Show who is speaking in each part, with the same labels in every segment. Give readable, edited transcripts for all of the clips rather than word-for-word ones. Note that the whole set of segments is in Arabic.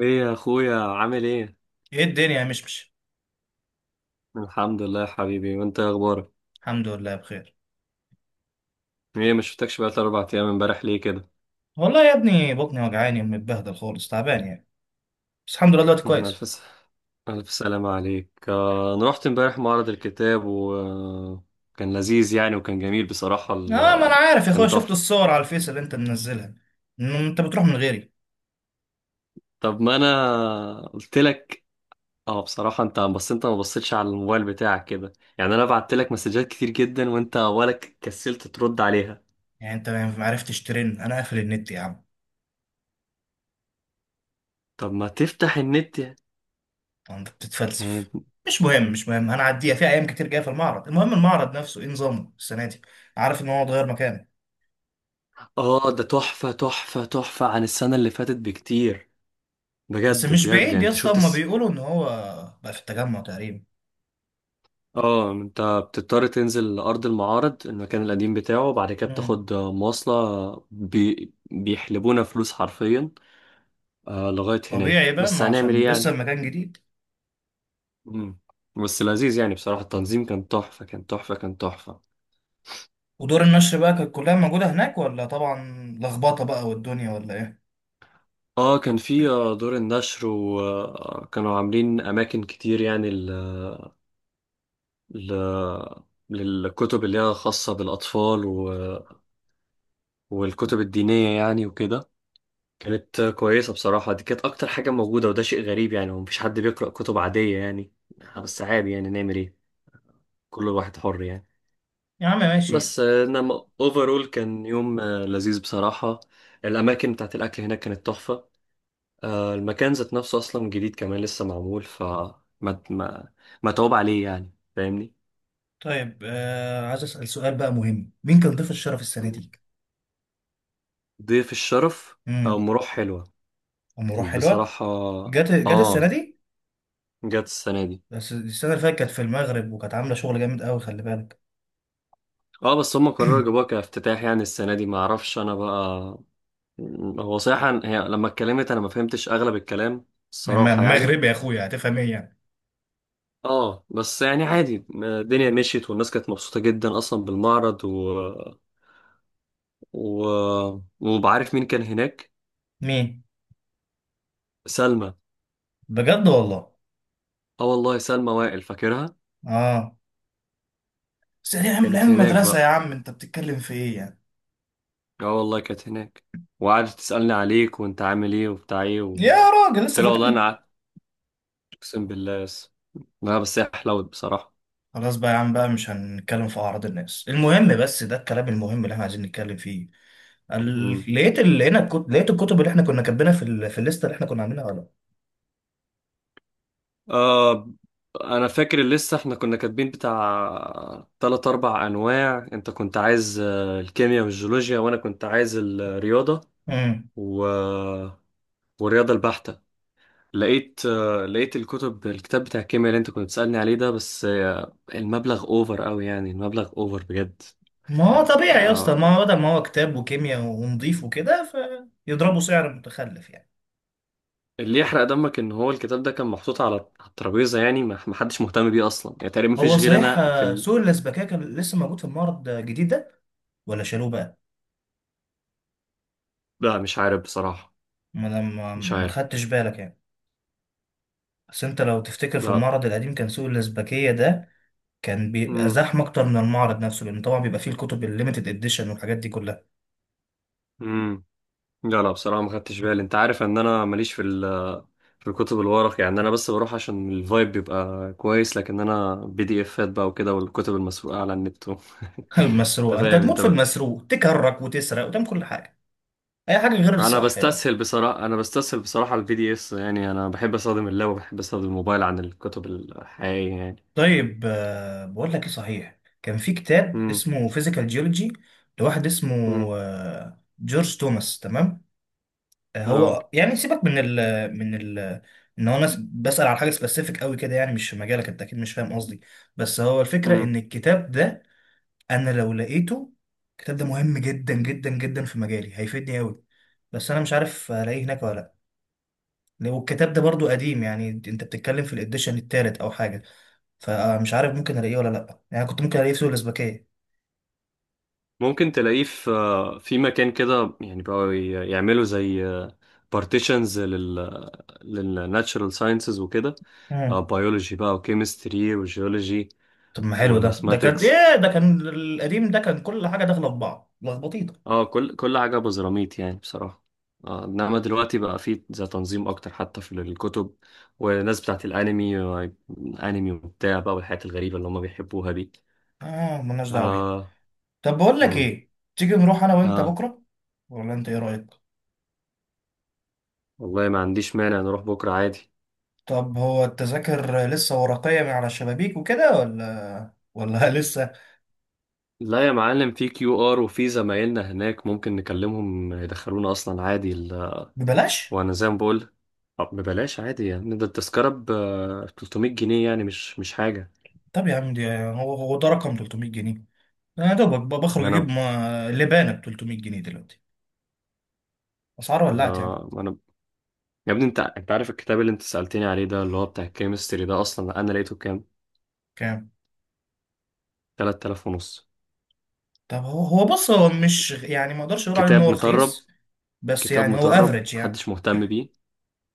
Speaker 1: ايه يا اخويا، عامل ايه؟
Speaker 2: ايه الدنيا يا مشمش؟
Speaker 1: الحمد لله يا حبيبي، وانت إيه اخبارك؟
Speaker 2: الحمد لله بخير.
Speaker 1: ايه، مش شفتكش بقالي 4 ايام، امبارح ليه كده؟
Speaker 2: والله يا ابني، بطني وجعاني ومتبهدل خالص، تعبان يعني. بس الحمد لله دلوقتي
Speaker 1: مم، الف
Speaker 2: كويس.
Speaker 1: س- الف سلامة عليك، انا رحت امبارح معرض الكتاب وكان لذيذ يعني، وكان جميل بصراحة
Speaker 2: اه، ما انا عارف يا اخويا.
Speaker 1: كان
Speaker 2: شفت
Speaker 1: تحفة.
Speaker 2: الصور على الفيس اللي انت منزلها. إن انت بتروح من غيري.
Speaker 1: طب ما انا قلت لك. اه، بصراحة انت، بس انت ما بصيتش على الموبايل بتاعك كده، يعني انا بعت لك مسجات كتير جدا وانت ولا كسلت ترد عليها.
Speaker 2: يعني انت ما عرفتش ترن؟ انا قافل النت يا عم.
Speaker 1: طب ما تفتح النت.
Speaker 2: طب انت
Speaker 1: يعني.
Speaker 2: بتتفلسف. مش مهم، مش مهم. انا عديها، في ايام كتير جايه في المعرض. المهم، المعرض نفسه ايه نظامه السنه دي؟ عارف ان هو اتغير مكانه.
Speaker 1: اه، ده تحفة تحفة تحفة عن السنة اللي فاتت بكتير،
Speaker 2: بس
Speaker 1: بجد
Speaker 2: مش
Speaker 1: بجد
Speaker 2: بعيد
Speaker 1: يعني
Speaker 2: يا
Speaker 1: انت
Speaker 2: اسطى.
Speaker 1: شفت
Speaker 2: هما
Speaker 1: الس...
Speaker 2: بيقولوا ان هو بقى في التجمع تقريبا.
Speaker 1: اه، انت بتضطر تنزل لأرض المعارض المكان القديم بتاعه، بعد كده
Speaker 2: مم.
Speaker 1: بتاخد مواصلة. بيحلبونا فلوس حرفيا، لغاية
Speaker 2: طبيعي
Speaker 1: هناك،
Speaker 2: بقى،
Speaker 1: بس
Speaker 2: ما
Speaker 1: هنعمل
Speaker 2: عشان
Speaker 1: ايه
Speaker 2: لسه
Speaker 1: يعني.
Speaker 2: المكان جديد.
Speaker 1: مم. بس لذيذ يعني، بصراحة التنظيم كان تحفة كان تحفة كان تحفة.
Speaker 2: ودور النشر بقى كانت كلها موجودة هناك، ولا طبعا لخبطة بقى والدنيا ولا ايه؟
Speaker 1: اه، كان في دور النشر، وكانوا عاملين أماكن كتير يعني ل... للكتب اللي هي خاصة بالأطفال والكتب الدينية يعني وكده. كانت كويسة بصراحة، دي كانت أكتر حاجة موجودة، وده شيء غريب يعني، ومفيش حد بيقرأ كتب عادية يعني. بس عادي يعني نعمل إيه، كل واحد حر يعني.
Speaker 2: يا عم ماشي.
Speaker 1: بس إنما أوفرول كان يوم لذيذ بصراحة. الأماكن بتاعت الأكل هناك كانت تحفة. المكان ذات نفسه أصلا جديد كمان، لسه معمول ف ما متعوب عليه يعني، فاهمني؟
Speaker 2: طيب، عايز أسأل سؤال بقى مهم. مين كان ضيف الشرف السنة دي؟
Speaker 1: ضيف الشرف؟ أو
Speaker 2: امم
Speaker 1: مروح حلوة.
Speaker 2: أم روح
Speaker 1: كانت
Speaker 2: حلوة.
Speaker 1: بصراحة.
Speaker 2: جت السنة
Speaker 1: آه
Speaker 2: دي.
Speaker 1: جت السنة دي.
Speaker 2: بس السنة اللي فاتت كانت في المغرب، وكانت عاملة شغل جامد قوي، خلي بالك.
Speaker 1: اه، بس هم قرروا يجيبوها كافتتاح يعني السنة دي، ما اعرفش انا بقى. هو صراحة هي لما اتكلمت، انا ما فهمتش اغلب الكلام الصراحة يعني.
Speaker 2: مغربي يا اخويا، هتفهم ايه يعني؟
Speaker 1: اه، بس يعني عادي الدنيا مشيت، والناس كانت مبسوطة جدا اصلا بالمعرض و... وبعرف مين كان هناك.
Speaker 2: مين؟
Speaker 1: سلمى.
Speaker 2: بجد والله.
Speaker 1: اه والله، سلمى وائل فاكرها.
Speaker 2: اه، بس دي من
Speaker 1: كانت
Speaker 2: أيام
Speaker 1: هناك
Speaker 2: المدرسة يا
Speaker 1: بقى.
Speaker 2: عم، انت بتتكلم في ايه يعني؟
Speaker 1: اه والله كانت هناك، وقعدت تسألني عليك وانت عامل ايه وبتاع ايه
Speaker 2: يا
Speaker 1: و...
Speaker 2: راجل
Speaker 1: قلت
Speaker 2: لسه
Speaker 1: لها والله انا
Speaker 2: فاكرني.
Speaker 1: قعدت، اقسم بالله. بس لا، بس هي حلوت بصراحة.
Speaker 2: خلاص بقى يا عم بقى، مش هنتكلم في أعراض الناس. المهم بس ده الكلام المهم اللي احنا عايزين نتكلم فيه. لقيت الكتب اللي احنا كنا كاتبينها في الليستة اللي احنا كنا عاملينها، ولا؟
Speaker 1: آه انا فاكر لسه احنا كنا كاتبين بتاع تلات اربع انواع، انت كنت عايز الكيمياء والجيولوجيا، وانا كنت عايز الرياضة
Speaker 2: امم.
Speaker 1: و... والرياضة البحتة. لقيت الكتاب بتاع الكيمياء اللي انت كنت بتسألني عليه ده، بس المبلغ اوفر قوي يعني، المبلغ اوفر بجد.
Speaker 2: ما هو
Speaker 1: يعني
Speaker 2: طبيعي يا اسطى، ما هو بدل ما هو كتاب وكيمياء ونضيف وكده، فيضربوا سعر متخلف يعني.
Speaker 1: اللي يحرق دمك ان هو الكتاب ده كان محطوط على الترابيزة، يعني ما حدش مهتم بيه اصلا يعني، تقريبا
Speaker 2: هو
Speaker 1: مفيش غير
Speaker 2: صحيح،
Speaker 1: انا في ال...
Speaker 2: سوق الأسبكية كان لسه موجود في المعرض الجديد ده، ولا شالوه بقى؟
Speaker 1: لا مش عارف بصراحة،
Speaker 2: ما انا ما
Speaker 1: مش
Speaker 2: ما
Speaker 1: عارف.
Speaker 2: خدتش بالك يعني. بس انت لو تفتكر في
Speaker 1: لا.
Speaker 2: المعرض القديم، كان سوق الأسبكية ده كان بيبقى
Speaker 1: امم
Speaker 2: زحمة أكتر من المعرض نفسه، لأن طبعا بيبقى فيه الكتب الليميتد إديشن والحاجات دي كلها.
Speaker 1: امم لا، لا، بصراحه ما خدتش بالي، انت عارف ان انا ماليش في الكتب الورق يعني، انا بس بروح عشان الفايب بيبقى كويس، لكن انا بي دي افات بقى وكده، والكتب المسروقه على النت. انت
Speaker 2: المسروقة، أنت
Speaker 1: فاهم
Speaker 2: هتموت
Speaker 1: انت
Speaker 2: في
Speaker 1: بقى.
Speaker 2: المسروق، تكرك وتسرق وتعمل كل حاجة. أي حاجة غير
Speaker 1: انا
Speaker 2: الصح، يا.
Speaker 1: بستسهل بصراحه انا بستسهل بصراحه البي دي اس، يعني انا بحب استخدم اللاب وبحب استخدم الموبايل عن الكتب الحقيقيه يعني.
Speaker 2: طيب، بقول لك إيه صحيح. كان في كتاب
Speaker 1: امم.
Speaker 2: اسمه فيزيكال جيولوجي، لواحد اسمه
Speaker 1: امم.
Speaker 2: جورج توماس، تمام.
Speaker 1: اه،
Speaker 2: هو يعني سيبك من ال، من ال ان هو ناس بسأل على حاجة سبيسيفيك قوي كده، يعني مش في مجالك، انت اكيد مش فاهم قصدي. بس هو الفكرة ان الكتاب ده، انا لو لقيته، الكتاب ده مهم جدا جدا جدا في مجالي، هيفيدني قوي. بس انا مش عارف الاقيه هناك ولا لا. والكتاب ده برضو قديم، يعني انت بتتكلم في الاديشن التالت او حاجه. فمش عارف ممكن الاقيه ولا لا، يعني كنت ممكن الاقيه في سوق الاسبكيه.
Speaker 1: ممكن تلاقيه في مكان كده يعني، بقوا يعملوا زي بارتيشنز للناتشرال ساينسز وكده،
Speaker 2: مم.
Speaker 1: بيولوجي بقى وكيمستري وجيولوجي
Speaker 2: طب ما حلو ده كان
Speaker 1: وماثماتكس.
Speaker 2: ايه؟ ده كان القديم، ده كان كل حاجه داخله في بعض لخبطيطه.
Speaker 1: اه، كل حاجة بزراميط يعني بصراحة. انما دلوقتي بقى في زي تنظيم اكتر، حتى في الكتب والناس بتاعت الانمي، انمي وبتاع بقى والحاجات الغريبة اللي هم بيحبوها دي.
Speaker 2: اه، ملناش دعوه بيه.
Speaker 1: اه.
Speaker 2: طب بقول لك
Speaker 1: امم.
Speaker 2: ايه، تيجي نروح انا وانت
Speaker 1: اه
Speaker 2: بكره؟ ولا انت ايه رايك؟
Speaker 1: والله، ما عنديش مانع نروح بكرة عادي.
Speaker 2: طب هو التذاكر لسه ورقيه من على الشبابيك وكده، ولا لسه
Speaker 1: لا يا معلم، في QR، وفي زمايلنا هناك ممكن نكلمهم يدخلونا اصلا عادي.
Speaker 2: ببلاش؟
Speaker 1: وانا زي ما بقول، طب ببلاش عادي يعني، ده التذكرة ب 300 جنيه يعني، مش حاجة.
Speaker 2: طب يا عم دي، هو ده رقم، 300 جنيه؟ انا يا دوبك
Speaker 1: إن
Speaker 2: بخرج اجيب
Speaker 1: انا.
Speaker 2: لبانه ب 300 جنيه دلوقتي. اسعار ولعت يعني.
Speaker 1: انا، يا ابني انت عارف الكتاب اللي انت سألتني عليه ده اللي هو بتاع الكيمستري ده، اصلا انا لقيته كام؟
Speaker 2: كام؟
Speaker 1: 3000 ونص.
Speaker 2: طب هو بص، هو مش يعني، ما اقدرش اقول عليه ان
Speaker 1: كتاب
Speaker 2: هو
Speaker 1: مطرب،
Speaker 2: رخيص، بس
Speaker 1: كتاب
Speaker 2: يعني هو
Speaker 1: مطرب
Speaker 2: افريج يعني.
Speaker 1: محدش مهتم بيه.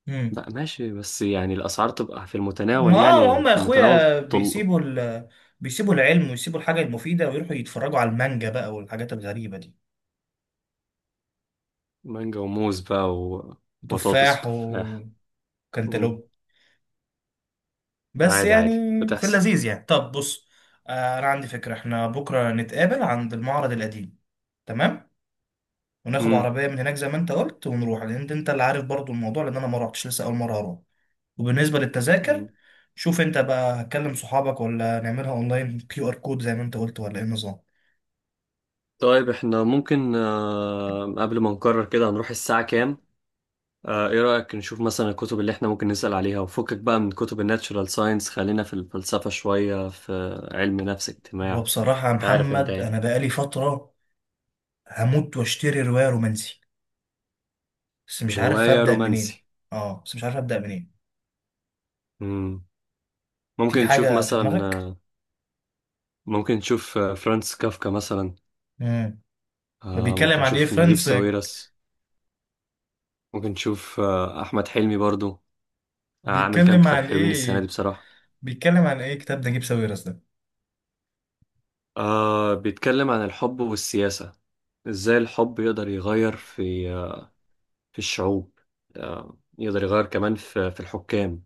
Speaker 2: امم.
Speaker 1: لا ماشي، بس يعني الاسعار تبقى في المتناول،
Speaker 2: ما ما
Speaker 1: يعني
Speaker 2: هم يا
Speaker 1: في متناول.
Speaker 2: اخويا بيسيبوا العلم ويسيبوا الحاجه المفيده، ويروحوا يتفرجوا على المانجا بقى والحاجات الغريبه دي.
Speaker 1: مانجا وموز بقى، وبطاطس
Speaker 2: تفاح
Speaker 1: وتفاح.
Speaker 2: وكنتالوب.
Speaker 1: مم.
Speaker 2: بس
Speaker 1: عادي
Speaker 2: يعني
Speaker 1: عادي
Speaker 2: في
Speaker 1: بتحصل.
Speaker 2: اللذيذ يعني. طب بص، انا عندي فكرة. احنا بكرة نتقابل عند المعرض القديم، تمام؟ وناخد
Speaker 1: مم.
Speaker 2: عربية من هناك زي ما انت قلت، ونروح، لان انت اللي عارف برضو الموضوع، لان انا ما رحتش لسه، اول مرة هروح. وبالنسبة للتذاكر،
Speaker 1: مم.
Speaker 2: شوف انت بقى، هتكلم صحابك ولا نعملها اونلاين كيو ار كود زي ما انت قلت، ولا ايه النظام؟
Speaker 1: طيب، احنا ممكن قبل ما نقرر كده، هنروح الساعة كام؟ ايه رأيك نشوف مثلا الكتب اللي احنا ممكن نسأل عليها، وفكك بقى من كتب الناتشورال ساينس، خلينا في الفلسفة شوية، في علم نفس
Speaker 2: هو
Speaker 1: اجتماع.
Speaker 2: بصراحة يا
Speaker 1: انت عارف انت
Speaker 2: محمد،
Speaker 1: يعني.
Speaker 2: انا بقالي فترة هموت واشتري رواية رومانسي، بس مش عارف
Speaker 1: رواية
Speaker 2: ابدأ منين.
Speaker 1: رومانسي؟
Speaker 2: اه، بس مش عارف ابدأ منين.
Speaker 1: مم. ممكن
Speaker 2: في
Speaker 1: نشوف
Speaker 2: حاجة في
Speaker 1: مثلا
Speaker 2: دماغك؟
Speaker 1: ممكن نشوف فرانس كافكا مثلا،
Speaker 2: امم. بيتكلم
Speaker 1: ممكن
Speaker 2: عن ايه،
Speaker 1: نشوف نجيب
Speaker 2: فريندز؟
Speaker 1: ساويرس، وبنشوف أحمد حلمي برضو، عامل كام
Speaker 2: بيتكلم
Speaker 1: كتاب
Speaker 2: عن
Speaker 1: حلوين السنة دي
Speaker 2: ايه؟
Speaker 1: بصراحة.
Speaker 2: بيتكلم عن ايه كتاب نجيب ساويرس ده؟
Speaker 1: بيتكلم عن الحب والسياسة، إزاي الحب يقدر يغير في الشعوب، يقدر يغير كمان في الحكام.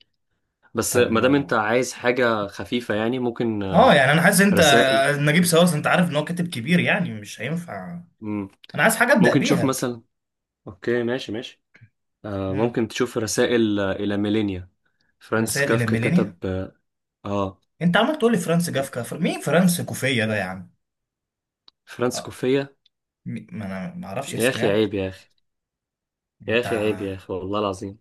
Speaker 1: بس
Speaker 2: طب
Speaker 1: ما دام أنت
Speaker 2: ما،
Speaker 1: عايز حاجة خفيفة يعني، ممكن
Speaker 2: اه يعني انا حاسس انت.
Speaker 1: رسائل.
Speaker 2: نجيب ساويرس، انت عارف ان هو كاتب كبير، يعني مش هينفع.
Speaker 1: مم.
Speaker 2: انا عايز حاجه ابدا
Speaker 1: ممكن تشوف
Speaker 2: بيها.
Speaker 1: مثلا. أوكي، ماشي، ماشي.
Speaker 2: امم.
Speaker 1: ممكن تشوف رسائل إلى ميلينيا. فرانس
Speaker 2: رسائل الى
Speaker 1: كافكا كتب
Speaker 2: ميلينيا؟
Speaker 1: آه آه،
Speaker 2: انت عمال تقول لي فرانس جافكا، مين فرانس كوفيه ده يا عم؟
Speaker 1: فرانس
Speaker 2: اه.
Speaker 1: كوفية.
Speaker 2: ما انا ما اعرفش
Speaker 1: يا
Speaker 2: اسمه
Speaker 1: أخي
Speaker 2: يعني.
Speaker 1: عيب يا أخي، يا
Speaker 2: انت
Speaker 1: اخي عيب يا
Speaker 2: ع-
Speaker 1: اخي والله العظيم.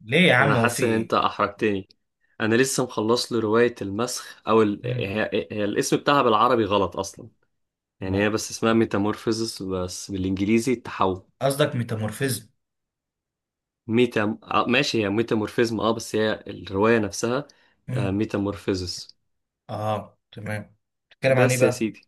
Speaker 2: ليه يا
Speaker 1: انا
Speaker 2: عم، هو في
Speaker 1: حاسس ان انت
Speaker 2: ايه؟
Speaker 1: احرجتني. انا لسه مخلص له روايه المسخ، او
Speaker 2: مم.
Speaker 1: هي الاسم بتاعها بالعربي غلط اصلا. يعني
Speaker 2: ما-
Speaker 1: هي بس اسمها ميتامورفيزس، بس بالانجليزي التحول.
Speaker 2: قصدك ميتامورفيزم؟
Speaker 1: ميتا آه، ماشي، هي ميتامورفيزم اه، بس هي الروايه نفسها.
Speaker 2: مم.
Speaker 1: ميتامورفيزس.
Speaker 2: اه تمام. بتتكلم عن ايه
Speaker 1: بس يا
Speaker 2: بقى؟
Speaker 1: سيدي،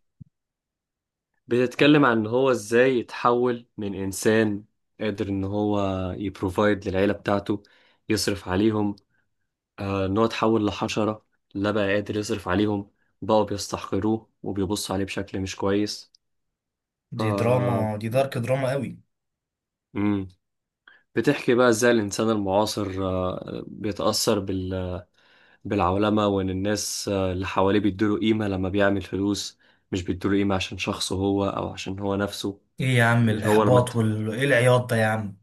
Speaker 2: آه،
Speaker 1: بتتكلم عن ان هو ازاي يتحول من انسان قادر ان هو يبروفايد للعيله بتاعته، يصرف عليهم، إن هو اتحول لحشرة، لا بقى قادر يصرف عليهم، بقوا بيستحقروه وبيبصوا عليه بشكل مش كويس.
Speaker 2: دي دراما،
Speaker 1: ف
Speaker 2: دي دارك دراما قوي.
Speaker 1: مم. بتحكي بقى ازاي الإنسان المعاصر بيتأثر بالعولمة، وإن الناس اللي حواليه بيدوله قيمة لما بيعمل فلوس، مش بيدوله قيمة عشان شخصه هو، أو عشان هو نفسه.
Speaker 2: ايه يا عم
Speaker 1: مش هو لما.
Speaker 2: الاحباط وال ايه العياط ده يا عم؟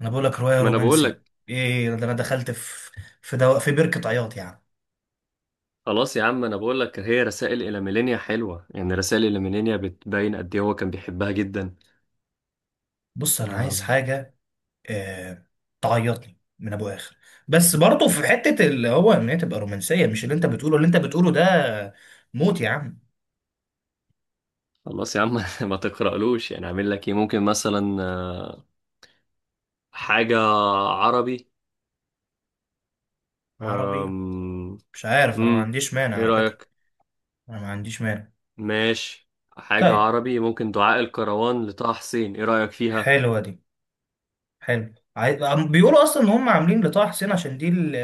Speaker 2: انا بقول لك روايه
Speaker 1: ما أنا بقول
Speaker 2: رومانسي.
Speaker 1: لك،
Speaker 2: ايه ده، انا دخلت في بركه عياط يا عم؟
Speaker 1: خلاص يا عم أنا بقول لك هي رسائل إلى ميلينيا حلوة يعني، رسائل إلى ميلينيا بتبين قد إيه هو كان بيحبها جدا.
Speaker 2: بص انا عايز
Speaker 1: آه،
Speaker 2: حاجه، آه... تعيطني من ابو اخر. بس برضه في حته اللي هو، ان هي تبقى رومانسيه، مش اللي انت بتقوله، اللي انت بتقوله ده موت يا عم.
Speaker 1: خلاص يا عم ما تقرألوش يعني، اعمل لك ايه، ممكن مثلا حاجة عربي
Speaker 2: عربي.
Speaker 1: أم...
Speaker 2: مش عارف، انا ما
Speaker 1: مم.
Speaker 2: عنديش مانع
Speaker 1: ايه
Speaker 2: على فكره.
Speaker 1: رأيك؟
Speaker 2: انا ما عنديش مانع.
Speaker 1: ماشي. حاجة
Speaker 2: طيب.
Speaker 1: عربي، ممكن دعاء الكروان لطه حسين، ايه رأيك فيها؟
Speaker 2: حلوه دي. بيقولوا اصلا ان هم عاملين لطه حسين عشان دي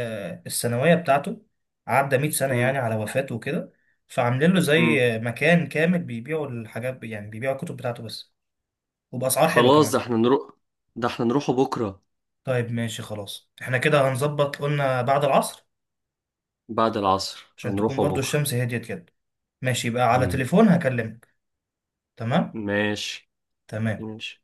Speaker 2: السنويه بتاعته، عدى 100 سنه
Speaker 1: مم.
Speaker 2: يعني على وفاته وكده. فعاملين له زي
Speaker 1: مم.
Speaker 2: مكان كامل بيبيعوا الحاجات، يعني بيبيعوا الكتب بتاعته بس، وباسعار حلوه
Speaker 1: خلاص، ده
Speaker 2: كمان.
Speaker 1: احنا نروح، ده احنا نروحه بكرة.
Speaker 2: طيب ماشي خلاص، احنا كده هنظبط، قلنا بعد العصر،
Speaker 1: بعد العصر
Speaker 2: عشان تكون
Speaker 1: هنروحه
Speaker 2: برضو
Speaker 1: بكرة.
Speaker 2: الشمس هديت كده. ماشي، يبقى على
Speaker 1: مم.
Speaker 2: تليفون هكلمك. تمام.
Speaker 1: ماشي.
Speaker 2: تمام.
Speaker 1: ماشي.